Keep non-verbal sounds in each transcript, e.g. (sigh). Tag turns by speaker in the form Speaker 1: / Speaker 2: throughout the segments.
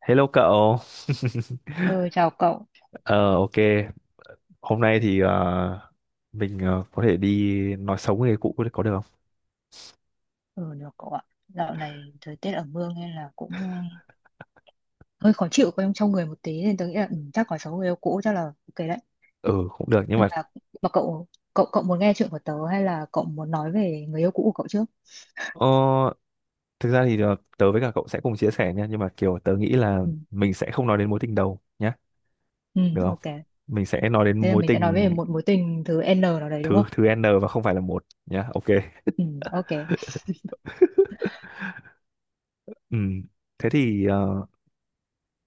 Speaker 1: Hello cậu. (laughs)
Speaker 2: Ừ, chào cậu.
Speaker 1: Ờ ok, hôm nay thì mình có thể đi nói xấu người cũ có được không?
Speaker 2: Ừ, được cậu ạ. Dạo này thời tiết ở mương nên là cũng hơi khó chịu trong trong người một tí nên tôi nghĩ là chắc có số người yêu cũ chắc là ok đấy.
Speaker 1: Ừ cũng được nhưng mà
Speaker 2: Mà cậu cậu cậu muốn nghe chuyện của tớ hay là cậu muốn nói về người yêu cũ của cậu trước?
Speaker 1: ờ, thực ra thì tớ với cả cậu sẽ cùng chia sẻ nha, nhưng mà kiểu tớ nghĩ là
Speaker 2: Ừ,
Speaker 1: mình sẽ không nói đến mối tình đầu nhá,
Speaker 2: ừ
Speaker 1: được không?
Speaker 2: ok.
Speaker 1: Mình sẽ nói đến
Speaker 2: Thế là
Speaker 1: mối
Speaker 2: mình sẽ nói về
Speaker 1: tình
Speaker 2: một mối tình thứ N nào đấy đúng
Speaker 1: thứ
Speaker 2: không?
Speaker 1: thứ N và không phải là một nhá. Ok.
Speaker 2: Ừ, ok.
Speaker 1: Ừ. Thế thì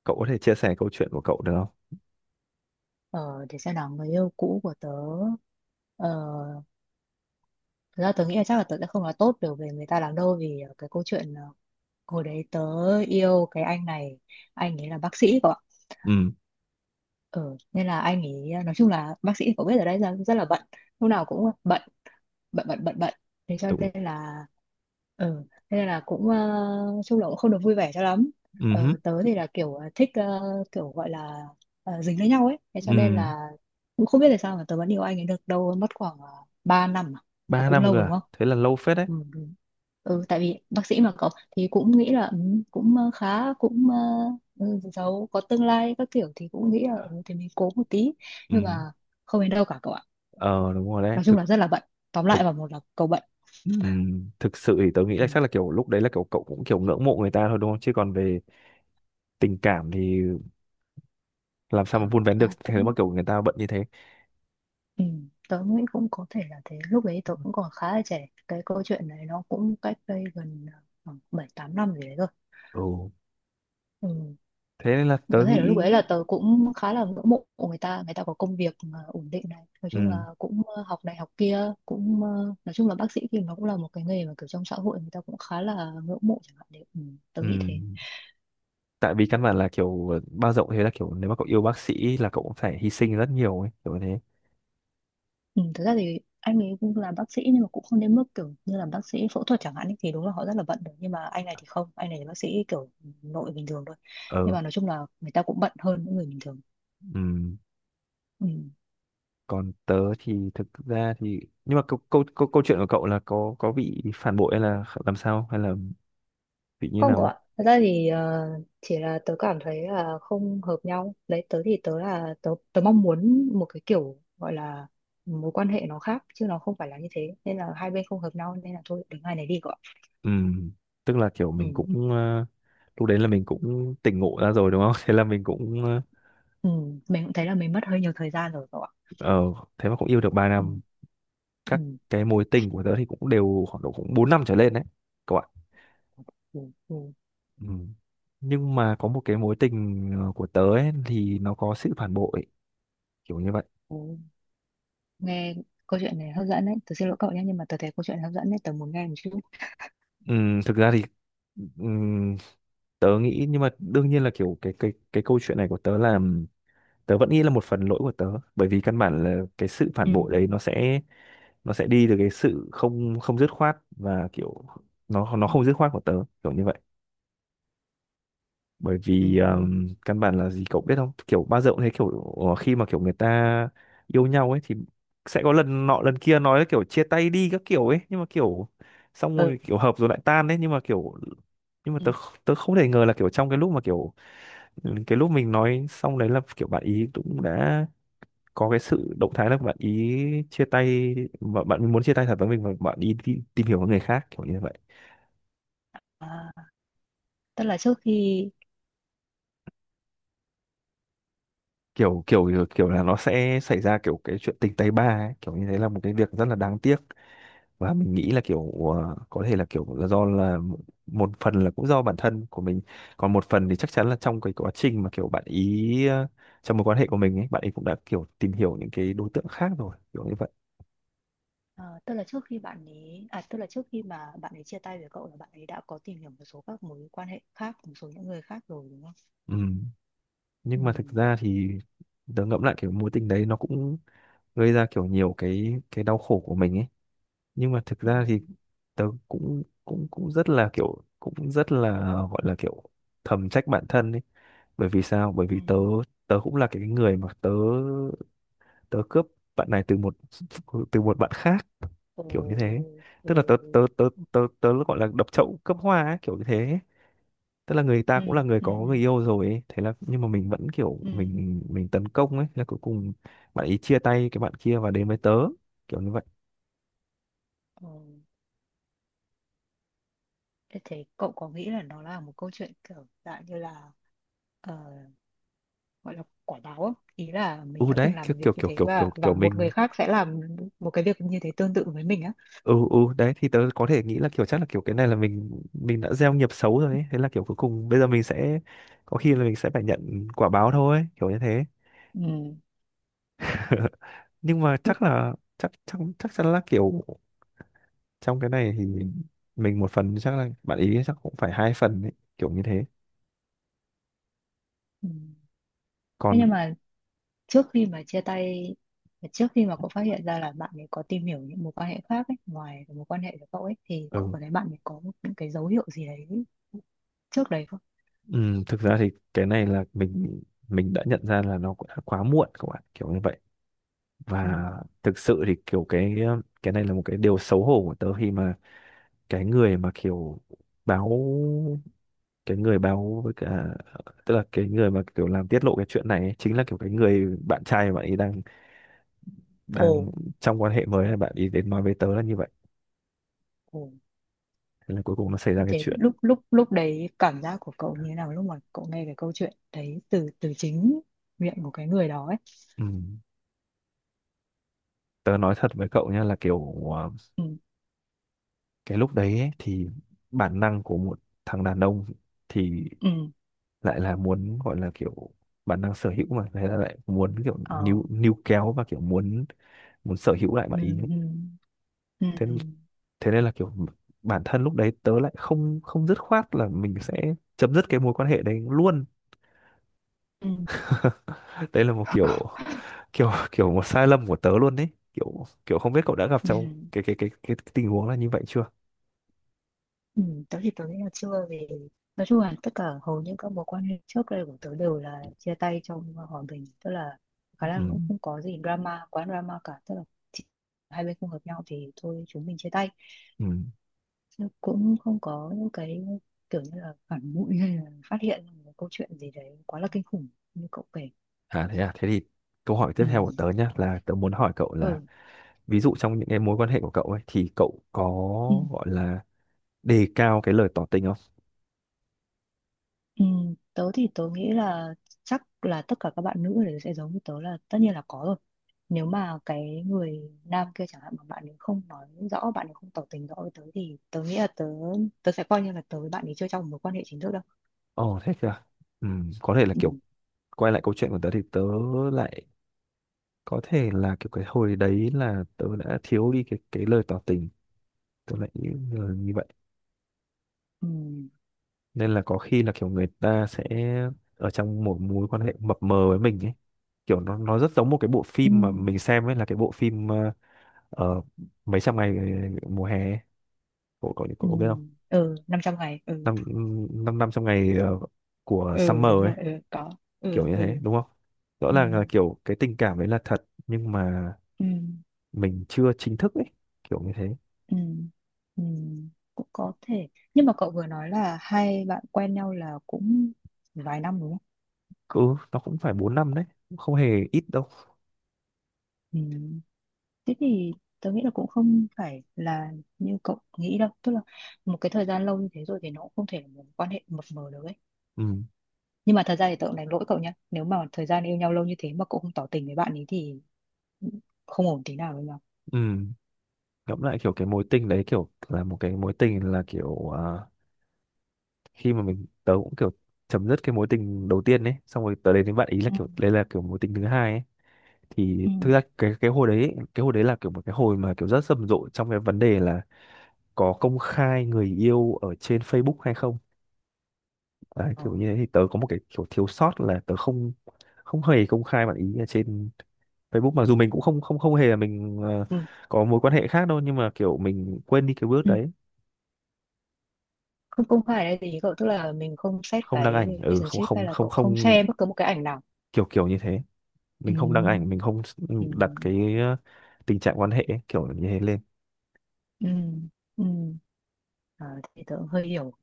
Speaker 1: cậu có thể chia sẻ câu chuyện của cậu được không?
Speaker 2: Ờ, để xem nào người yêu cũ của tớ. Ờ, Thực ra tớ nghĩ là chắc là tớ sẽ không nói tốt được về người ta lắm đâu vì cái câu chuyện hồi đấy tớ yêu cái anh này, anh ấy là bác sĩ cậu ạ.
Speaker 1: Ừ,
Speaker 2: Ừ, nên là anh ấy, nói chung là bác sĩ thì có biết ở đây ra rất là bận, lúc nào cũng bận, bận bận bận bận, thế cho
Speaker 1: đúng.
Speaker 2: nên là, ừ, thế nên là cũng chung là cũng không được vui vẻ cho lắm.
Speaker 1: Ừ hứ.
Speaker 2: Ờ, tớ thì là kiểu thích, kiểu gọi là dính lấy nhau ấy. Thế cho
Speaker 1: Ừ.
Speaker 2: nên là cũng không biết là sao mà tớ vẫn yêu anh ấy được, đâu mất khoảng 3 năm à. Ờ,
Speaker 1: Ba
Speaker 2: cũng
Speaker 1: năm cơ
Speaker 2: lâu đúng
Speaker 1: à?
Speaker 2: không?
Speaker 1: Thế là lâu phết đấy.
Speaker 2: Ừ, đúng. Ừ, tại vì bác sĩ mà cậu, thì cũng nghĩ là cũng khá, cũng giàu có tương lai các kiểu thì cũng nghĩ là thì mình cố một tí,
Speaker 1: Ừ.
Speaker 2: nhưng mà không đến đâu cả cậu ạ.
Speaker 1: Ờ đúng rồi đấy.
Speaker 2: Nói chung
Speaker 1: Thực
Speaker 2: là rất là bận. Tóm
Speaker 1: thực
Speaker 2: lại vào một là cậu bận.
Speaker 1: Thực sự thì tớ nghĩ là
Speaker 2: Ừ,
Speaker 1: chắc là kiểu lúc đấy là kiểu cậu cũng kiểu ngưỡng mộ người ta thôi đúng không? Chứ còn về tình cảm thì làm sao mà vun vén được
Speaker 2: à,
Speaker 1: (laughs) thế mà
Speaker 2: cũng,
Speaker 1: kiểu người ta bận như thế.
Speaker 2: ừ, tớ nghĩ cũng có thể là thế. Lúc đấy tớ cũng còn khá là trẻ, cái câu chuyện này nó cũng cách đây gần, khoảng bảy tám năm gì đấy rồi.
Speaker 1: Ừ.
Speaker 2: Ừ,
Speaker 1: Thế nên là
Speaker 2: có
Speaker 1: tớ
Speaker 2: thể là lúc
Speaker 1: nghĩ
Speaker 2: ấy là tớ cũng khá là ngưỡng mộ người ta, người ta có công việc mà ổn định này, nói chung là
Speaker 1: ừm,
Speaker 2: cũng học này học kia, cũng nói chung là bác sĩ thì nó cũng là một cái nghề mà kiểu trong xã hội người ta cũng khá là ngưỡng mộ chẳng hạn đấy. Ừ, tớ nghĩ thế.
Speaker 1: ừm, tại vì căn bản là kiểu bao rộng thế, là kiểu nếu mà cậu yêu bác sĩ là cậu cũng phải hy sinh rất nhiều ấy, kiểu như thế.
Speaker 2: Ừ, thực ra thì anh ấy cũng là bác sĩ nhưng mà cũng không đến mức kiểu như là bác sĩ phẫu thuật chẳng hạn ấy, thì đúng là họ rất là bận được, nhưng mà anh này thì không, anh này là bác sĩ kiểu nội bình thường thôi, nhưng
Speaker 1: Ờ.
Speaker 2: mà nói chung là người ta cũng bận hơn những người bình thường.
Speaker 1: Ừm.
Speaker 2: Ừ.
Speaker 1: Còn tớ thì thực ra thì nhưng mà câu chuyện của cậu là có bị phản bội hay là làm sao, hay là bị như
Speaker 2: Không có
Speaker 1: nào?
Speaker 2: ạ. Thật ra thì chỉ là tớ cảm thấy là không hợp nhau. Đấy, tớ thì tớ là tớ, tớ mong muốn một cái kiểu gọi là mối quan hệ nó khác, chứ nó không phải là như thế. Nên là hai bên không hợp nhau nên là thôi đến ngày này đi cậu ạ.
Speaker 1: Ừm, tức là kiểu
Speaker 2: Ừ.
Speaker 1: mình cũng lúc đấy là mình cũng tỉnh ngộ ra rồi đúng không, (laughs) thế là mình cũng
Speaker 2: Ừ. Mình cũng thấy là mình mất hơi nhiều thời gian rồi cậu ạ.
Speaker 1: ờ, thế mà cũng yêu được ba
Speaker 2: Ừ.
Speaker 1: năm
Speaker 2: Ừ.
Speaker 1: Các cái mối tình của tớ thì cũng đều khoảng độ cũng 4 năm trở lên đấy các bạn.
Speaker 2: Ừ. Ừ.
Speaker 1: Ừ. Nhưng mà có một cái mối tình của tớ ấy, thì nó có sự phản bội, kiểu như vậy.
Speaker 2: Ồ, nghe câu chuyện này hấp dẫn đấy. Tớ xin lỗi cậu nhé, nhưng mà tớ thấy câu chuyện này hấp dẫn đấy, tớ muốn nghe một chút.
Speaker 1: ừ, Thực ra thì ừ, tớ nghĩ, nhưng mà đương nhiên là kiểu cái câu chuyện này của tớ là tớ vẫn nghĩ là một phần lỗi của tớ, bởi vì căn bản là cái sự phản
Speaker 2: Ừ,
Speaker 1: bội đấy nó sẽ, nó sẽ đi từ cái sự không không dứt khoát, và kiểu nó không dứt khoát của tớ, kiểu như vậy. Bởi vì
Speaker 2: ừ,
Speaker 1: căn bản là gì cậu biết không, kiểu bao giờ cũng thấy kiểu khi mà kiểu người ta yêu nhau ấy thì sẽ có lần nọ lần kia nói là kiểu chia tay đi các kiểu ấy, nhưng mà kiểu xong
Speaker 2: ừ,
Speaker 1: rồi kiểu hợp rồi lại tan đấy, nhưng mà kiểu nhưng mà
Speaker 2: ừ.
Speaker 1: tớ không thể ngờ là kiểu trong cái lúc mà kiểu cái lúc mình nói xong đấy là kiểu bạn ý cũng đã có cái sự động thái là bạn ý chia tay, và bạn muốn chia tay thật với mình và bạn ý đi tìm hiểu với người khác, kiểu như vậy.
Speaker 2: À, tức là trước khi
Speaker 1: Kiểu kiểu kiểu, Là nó sẽ xảy ra kiểu cái chuyện tình tay ba ấy, kiểu như thế là một cái việc rất là đáng tiếc. Và mình nghĩ là kiểu có thể là kiểu là do là một phần là cũng do bản thân của mình, còn một phần thì chắc chắn là trong cái quá trình mà kiểu bạn ý trong mối quan hệ của mình ấy bạn ấy cũng đã kiểu tìm hiểu những cái đối tượng khác rồi, kiểu như vậy.
Speaker 2: tức là trước khi bạn ấy, tức là trước khi mà bạn ấy chia tay với cậu là bạn ấy đã có tìm hiểu một số các mối quan hệ khác, một số những người khác rồi đúng không?
Speaker 1: Ừ.
Speaker 2: Ừ.
Speaker 1: Nhưng mà thực ra thì tớ ngẫm lại kiểu mối tình đấy nó cũng gây ra kiểu nhiều cái đau khổ của mình ấy, nhưng mà thực
Speaker 2: Ừ,
Speaker 1: ra thì tớ cũng cũng cũng rất là, kiểu cũng rất là gọi là kiểu thầm trách bản thân ấy. Bởi vì sao, bởi
Speaker 2: ừ.
Speaker 1: vì tớ, tớ cũng là cái người mà tớ tớ cướp bạn này từ một, từ một bạn khác,
Speaker 2: Ồ,
Speaker 1: kiểu như thế.
Speaker 2: ừ.
Speaker 1: Tức là
Speaker 2: Ồ.
Speaker 1: tớ tớ tớ tớ tớ gọi là đập chậu cướp hoa ấy, kiểu như thế. Tức là người ta
Speaker 2: Ừ,
Speaker 1: cũng là người
Speaker 2: ừ,
Speaker 1: có người
Speaker 2: ừ,
Speaker 1: yêu rồi ấy, thế là nhưng mà mình vẫn kiểu
Speaker 2: ừ.
Speaker 1: mình tấn công ấy, là cuối cùng bạn ấy chia tay cái bạn kia và đến với tớ, kiểu như vậy.
Speaker 2: Ồ. Thế thế cậu có nghĩ là nó là một câu chuyện kiểu dạng như là ờ, gọi là quả báo á. Ý là mình
Speaker 1: Ừ
Speaker 2: đã từng
Speaker 1: Đấy
Speaker 2: làm
Speaker 1: kiểu
Speaker 2: một việc
Speaker 1: kiểu
Speaker 2: như
Speaker 1: kiểu
Speaker 2: thế
Speaker 1: kiểu kiểu kiểu
Speaker 2: và một
Speaker 1: mình
Speaker 2: người khác sẽ làm một cái việc như thế tương tự với mình á.
Speaker 1: ừ đấy thì tớ có thể nghĩ là kiểu chắc là kiểu cái này là mình đã gieo nghiệp xấu rồi ấy, thế là kiểu cuối cùng bây giờ mình sẽ, có khi là mình sẽ phải nhận quả báo thôi, kiểu như thế.
Speaker 2: Ừ.
Speaker 1: (laughs) Nhưng mà chắc là chắc chắc chắc chắn là kiểu trong cái này thì mình một phần, chắc là bạn ý chắc cũng phải hai phần ấy, kiểu như thế
Speaker 2: Ừ. Thế
Speaker 1: còn.
Speaker 2: nhưng mà trước khi mà chia tay trước khi mà cậu phát hiện ra là bạn ấy có tìm hiểu những mối quan hệ khác ấy, ngoài cái mối quan hệ của cậu ấy, thì cậu
Speaker 1: Ừ.
Speaker 2: có thấy bạn ấy có những cái dấu hiệu gì đấy trước đấy không?
Speaker 1: Ừ, thực ra thì cái này là mình đã nhận ra là nó cũng đã quá muộn các bạn, kiểu như vậy.
Speaker 2: Ừ.
Speaker 1: Và thực sự thì kiểu cái này là một cái điều xấu hổ của tớ khi mà cái người mà kiểu báo, cái người báo với cả, tức là cái người mà kiểu làm tiết lộ cái chuyện này ấy, chính là kiểu cái người bạn trai mà bạn ấy đang
Speaker 2: Ồ.
Speaker 1: đang trong quan hệ mới, là bạn ấy đến nói với tớ là như vậy.
Speaker 2: Ồ.
Speaker 1: Thế là cuối cùng nó xảy ra cái
Speaker 2: Thế
Speaker 1: chuyện.
Speaker 2: lúc lúc lúc đấy cảm giác của cậu như thế nào, lúc mà cậu nghe cái câu chuyện đấy từ, từ chính miệng của cái người đó ấy?
Speaker 1: Ừ. Tớ nói thật với cậu nha là kiểu
Speaker 2: Ừ,
Speaker 1: cái lúc đấy ấy, thì bản năng của một thằng đàn ông thì
Speaker 2: ừ,
Speaker 1: lại là muốn gọi là kiểu bản năng sở hữu mà, thế là lại muốn kiểu
Speaker 2: ờ,
Speaker 1: níu níu kéo và kiểu muốn, muốn sở hữu lại
Speaker 2: ừ,
Speaker 1: bạn ý ấy.
Speaker 2: ừ, ừ,
Speaker 1: Thế Thế nên là kiểu bản thân lúc đấy tớ lại không không dứt khoát là mình sẽ chấm dứt cái mối quan hệ đấy luôn.
Speaker 2: ừ,
Speaker 1: Đây là một kiểu kiểu kiểu một sai lầm của tớ luôn đấy, kiểu kiểu không biết cậu đã gặp
Speaker 2: ừ,
Speaker 1: trong cái tình huống là như vậy chưa.
Speaker 2: ừ. Tớ thì tớ nghĩ là chưa, vì nói chung là tất cả hầu như các mối quan hệ trước đây của tớ đều là chia tay trong hòa bình, tức là
Speaker 1: Ừ.
Speaker 2: khả năng cũng không có gì drama quá drama cả, tức là chỉ hai bên không hợp nhau thì thôi chúng mình chia tay.
Speaker 1: Ừ.
Speaker 2: Chứ cũng không có những cái kiểu như là phản bội hay là phát hiện một câu chuyện gì đấy quá là kinh khủng như cậu kể.
Speaker 1: À, thế thì câu hỏi tiếp
Speaker 2: Ừ.
Speaker 1: theo của tớ nhé, là tớ muốn hỏi cậu là
Speaker 2: Ừ.
Speaker 1: ví dụ trong những cái mối quan hệ của cậu ấy, thì cậu có
Speaker 2: Ừ.
Speaker 1: gọi là đề cao cái lời tỏ tình không?
Speaker 2: Ừ, tớ thì tớ nghĩ là chắc là tất cả các bạn nữ đều sẽ giống như tớ là tất nhiên là có rồi. Nếu mà cái người nam kia chẳng hạn mà bạn ấy không nói rõ, bạn ấy không tỏ tình rõ với tớ, thì tớ nghĩ là tớ tớ sẽ coi như là tớ với bạn ấy chưa trong một mối quan hệ chính thức đâu.
Speaker 1: Ồ thế kìa. Có thể là
Speaker 2: Ừ,
Speaker 1: kiểu quay lại câu chuyện của tớ, thì tớ lại, có thể là kiểu cái hồi đấy là tớ đã thiếu đi cái lời tỏ tình, tớ lại như như vậy.
Speaker 2: ừ,
Speaker 1: Nên là có khi là kiểu người ta sẽ ở trong một mối quan hệ mập mờ với mình ấy. Kiểu nó rất giống một cái bộ
Speaker 2: ừ,
Speaker 1: phim mà mình xem ấy, là cái bộ phim ờ, mấy trăm ngày mùa hè ấy. Cậu cậu
Speaker 2: ừ,
Speaker 1: Cậu có biết không,
Speaker 2: ừ 500 ngày, ừ,
Speaker 1: năm năm 500 ngày của
Speaker 2: ừ
Speaker 1: summer
Speaker 2: đúng
Speaker 1: ấy,
Speaker 2: rồi, ừ có,
Speaker 1: kiểu
Speaker 2: ừ,
Speaker 1: như thế
Speaker 2: ừ,
Speaker 1: đúng không? Rõ
Speaker 2: ừ,
Speaker 1: ràng là kiểu cái tình cảm đấy là thật nhưng mà
Speaker 2: ừ,
Speaker 1: mình chưa chính thức ấy, kiểu như thế.
Speaker 2: ừ, ừ, cũng có thể. Nhưng mà cậu vừa nói là hai bạn quen nhau là cũng vài năm đúng không?
Speaker 1: Ừ. Nó cũng phải 4 năm đấy, cũng không hề ít đâu.
Speaker 2: Ừ. Thế thì tớ nghĩ là cũng không phải là như cậu nghĩ đâu. Tức là một cái thời gian lâu như thế rồi thì nó cũng không thể là một quan hệ mập mờ được ấy.
Speaker 1: ừ
Speaker 2: Nhưng mà thật ra thì tớ cũng đánh lỗi cậu nhá, nếu mà thời gian yêu nhau lâu như thế mà cậu không tỏ tình với bạn ấy thì không ổn tí nào với nhau.
Speaker 1: ừ Ngẫm lại kiểu cái mối tình đấy, kiểu là một cái mối tình là kiểu khi mà mình, tớ cũng kiểu chấm dứt cái mối tình đầu tiên ấy, xong rồi tớ đến với bạn ý là
Speaker 2: Ừ.
Speaker 1: kiểu đấy là kiểu mối tình thứ hai ấy, thì
Speaker 2: Ừ.
Speaker 1: thực ra cái hồi đấy là kiểu một cái hồi mà kiểu rất rầm rộ trong cái vấn đề là có công khai người yêu ở trên Facebook hay không. Đấy,
Speaker 2: Ờ.
Speaker 1: kiểu như thế thì tớ có một cái kiểu thiếu sót là tớ không, không hề công khai bạn ý ở trên Facebook, mặc dù mình cũng không không không hề là mình
Speaker 2: Ừ.
Speaker 1: có mối quan hệ khác đâu, nhưng mà kiểu mình quên đi cái bước
Speaker 2: Ừ.
Speaker 1: đấy,
Speaker 2: Không, không phải là gì cậu. Tức là mình không xét
Speaker 1: không đăng
Speaker 2: cái
Speaker 1: ảnh. Ừ Không
Speaker 2: relationship hay
Speaker 1: không
Speaker 2: là
Speaker 1: không
Speaker 2: cậu không
Speaker 1: không,
Speaker 2: share bất cứ một cái ảnh nào.
Speaker 1: kiểu kiểu như thế,
Speaker 2: Ừ.
Speaker 1: mình không đăng ảnh, mình không
Speaker 2: Ừ.
Speaker 1: đặt cái tình trạng quan hệ ấy, kiểu như thế lên.
Speaker 2: Ừ. Ừ. Ờ, thì tớ cũng hơi hiểu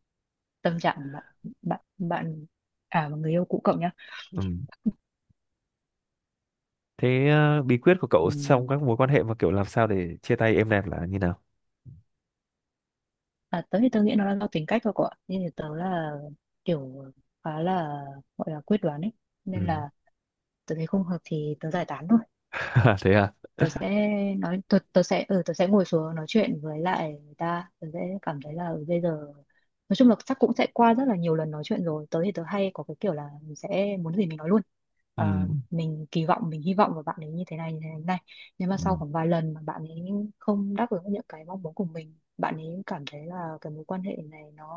Speaker 2: tâm trạng của bạn bạn bạn, à và người yêu cũ cậu nhá.
Speaker 1: Ừ. Thế bí quyết của cậu trong các
Speaker 2: Ừm,
Speaker 1: mối quan hệ và kiểu làm sao để chia tay êm đẹp là như nào.
Speaker 2: à, tớ thì tớ nghĩ nó là do tính cách thôi cậu ạ. Nhưng thì tớ là kiểu khá là gọi là quyết đoán ấy, nên
Speaker 1: Ừ.
Speaker 2: là tớ thấy không hợp thì tớ giải tán thôi.
Speaker 1: (laughs) Thế à.
Speaker 2: tớ sẽ Tớ, tớ sẽ, tớ sẽ ngồi xuống nói chuyện với lại người ta, tớ sẽ cảm thấy là bây giờ nói chung là chắc cũng sẽ qua rất là nhiều lần nói chuyện rồi. Tớ thì tớ hay có cái kiểu là mình sẽ muốn gì mình nói luôn.
Speaker 1: Ừ.
Speaker 2: Ờ, mình kỳ vọng, mình hy vọng vào bạn ấy như thế này, như thế này, như thế này. Nhưng mà
Speaker 1: Ừ.
Speaker 2: sau khoảng vài lần mà bạn ấy không đáp ứng những cái mong muốn của mình, bạn ấy cảm thấy là cái mối quan hệ này nó,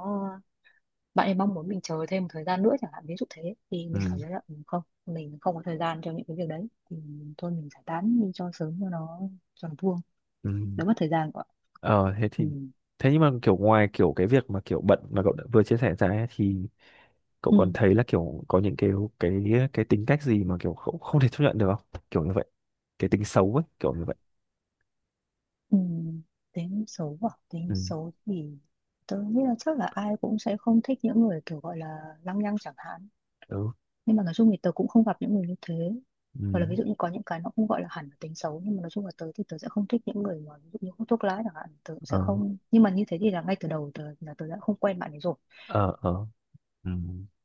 Speaker 2: bạn ấy mong muốn mình chờ thêm một thời gian nữa chẳng hạn, ví dụ thế, thì mình cảm
Speaker 1: Ừ.
Speaker 2: thấy là không, mình không có thời gian cho những cái việc đấy, thì thôi mình giải tán đi cho sớm, cho nó, cho nó vuông,
Speaker 1: Ừ.
Speaker 2: đỡ mất thời gian của bạn.
Speaker 1: ờ Thế
Speaker 2: Ừ.
Speaker 1: thì, thế nhưng mà kiểu ngoài kiểu cái việc mà kiểu bận mà cậu đã vừa chia sẻ ra ấy, thì cậu
Speaker 2: Ừ.
Speaker 1: còn thấy là kiểu có những cái cái tính cách gì mà kiểu không thể chấp nhận được không, kiểu như vậy, cái tính xấu ấy, kiểu như vậy.
Speaker 2: Ừ. Tính xấu à, tính
Speaker 1: ừ
Speaker 2: xấu thì tôi nghĩ là chắc là ai cũng sẽ không thích những người kiểu gọi là lăng nhăng chẳng hạn,
Speaker 1: ừ
Speaker 2: nhưng mà nói chung thì tớ cũng không gặp những người như thế.
Speaker 1: ừ
Speaker 2: Hoặc là ví dụ như có những cái nó không gọi là hẳn là tính xấu, nhưng mà nói chung là tớ thì tớ sẽ không thích những người mà ví dụ như hút thuốc lá chẳng hạn, tớ sẽ
Speaker 1: ờ
Speaker 2: không, nhưng mà như thế thì là ngay từ đầu tớ là tớ đã không quen bạn ấy rồi,
Speaker 1: ờ ờ Ừ.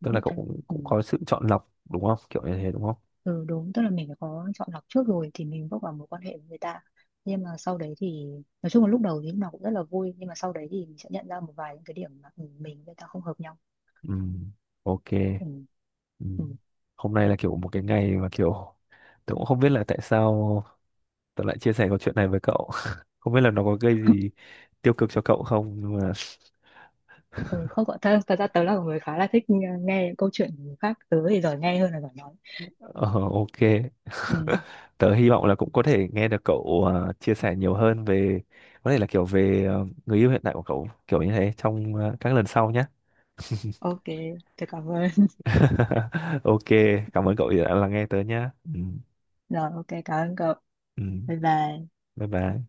Speaker 2: ví
Speaker 1: Tức là
Speaker 2: dụ
Speaker 1: cậu
Speaker 2: thế.
Speaker 1: cũng,
Speaker 2: Ừ.
Speaker 1: cũng có sự chọn lọc đúng không? Kiểu như thế đúng không?
Speaker 2: Ừ, đúng, tức là mình phải có chọn lọc trước rồi thì mình bước vào mối quan hệ với người ta. Nhưng mà sau đấy thì nói chung là lúc đầu thì lúc nào cũng rất là vui, nhưng mà sau đấy thì mình sẽ nhận ra một vài những cái điểm mà mình với người ta không hợp nhau.
Speaker 1: Ừ. Ok.
Speaker 2: Ừ.
Speaker 1: Ừ.
Speaker 2: Ừ.
Speaker 1: Hôm nay là kiểu một cái ngày mà kiểu (laughs) tớ cũng không biết là tại sao tớ lại chia sẻ câu chuyện này với cậu. (laughs) Không biết là nó có gây gì tiêu cực cho cậu không, nhưng mà
Speaker 2: Ừ, không có, thật thật ra tớ là một người khá là thích nghe nghe câu chuyện của người khác, tớ thì giỏi nghe hơn là giỏi nói.
Speaker 1: (laughs) ờ, ok.
Speaker 2: Ừ.
Speaker 1: Tớ hy vọng là cũng có thể nghe được cậu chia sẻ nhiều hơn về, có thể là kiểu về người yêu hiện tại của cậu, kiểu như thế trong các lần sau nhé.
Speaker 2: Ok, tôi cảm ơn. (laughs)
Speaker 1: (laughs) Ok, cảm ơn cậu đã lắng nghe tớ nhé. Ừ.
Speaker 2: Rồi, ok cảm ơn cậu.
Speaker 1: Ừ.
Speaker 2: Bye bye.
Speaker 1: Bye bye.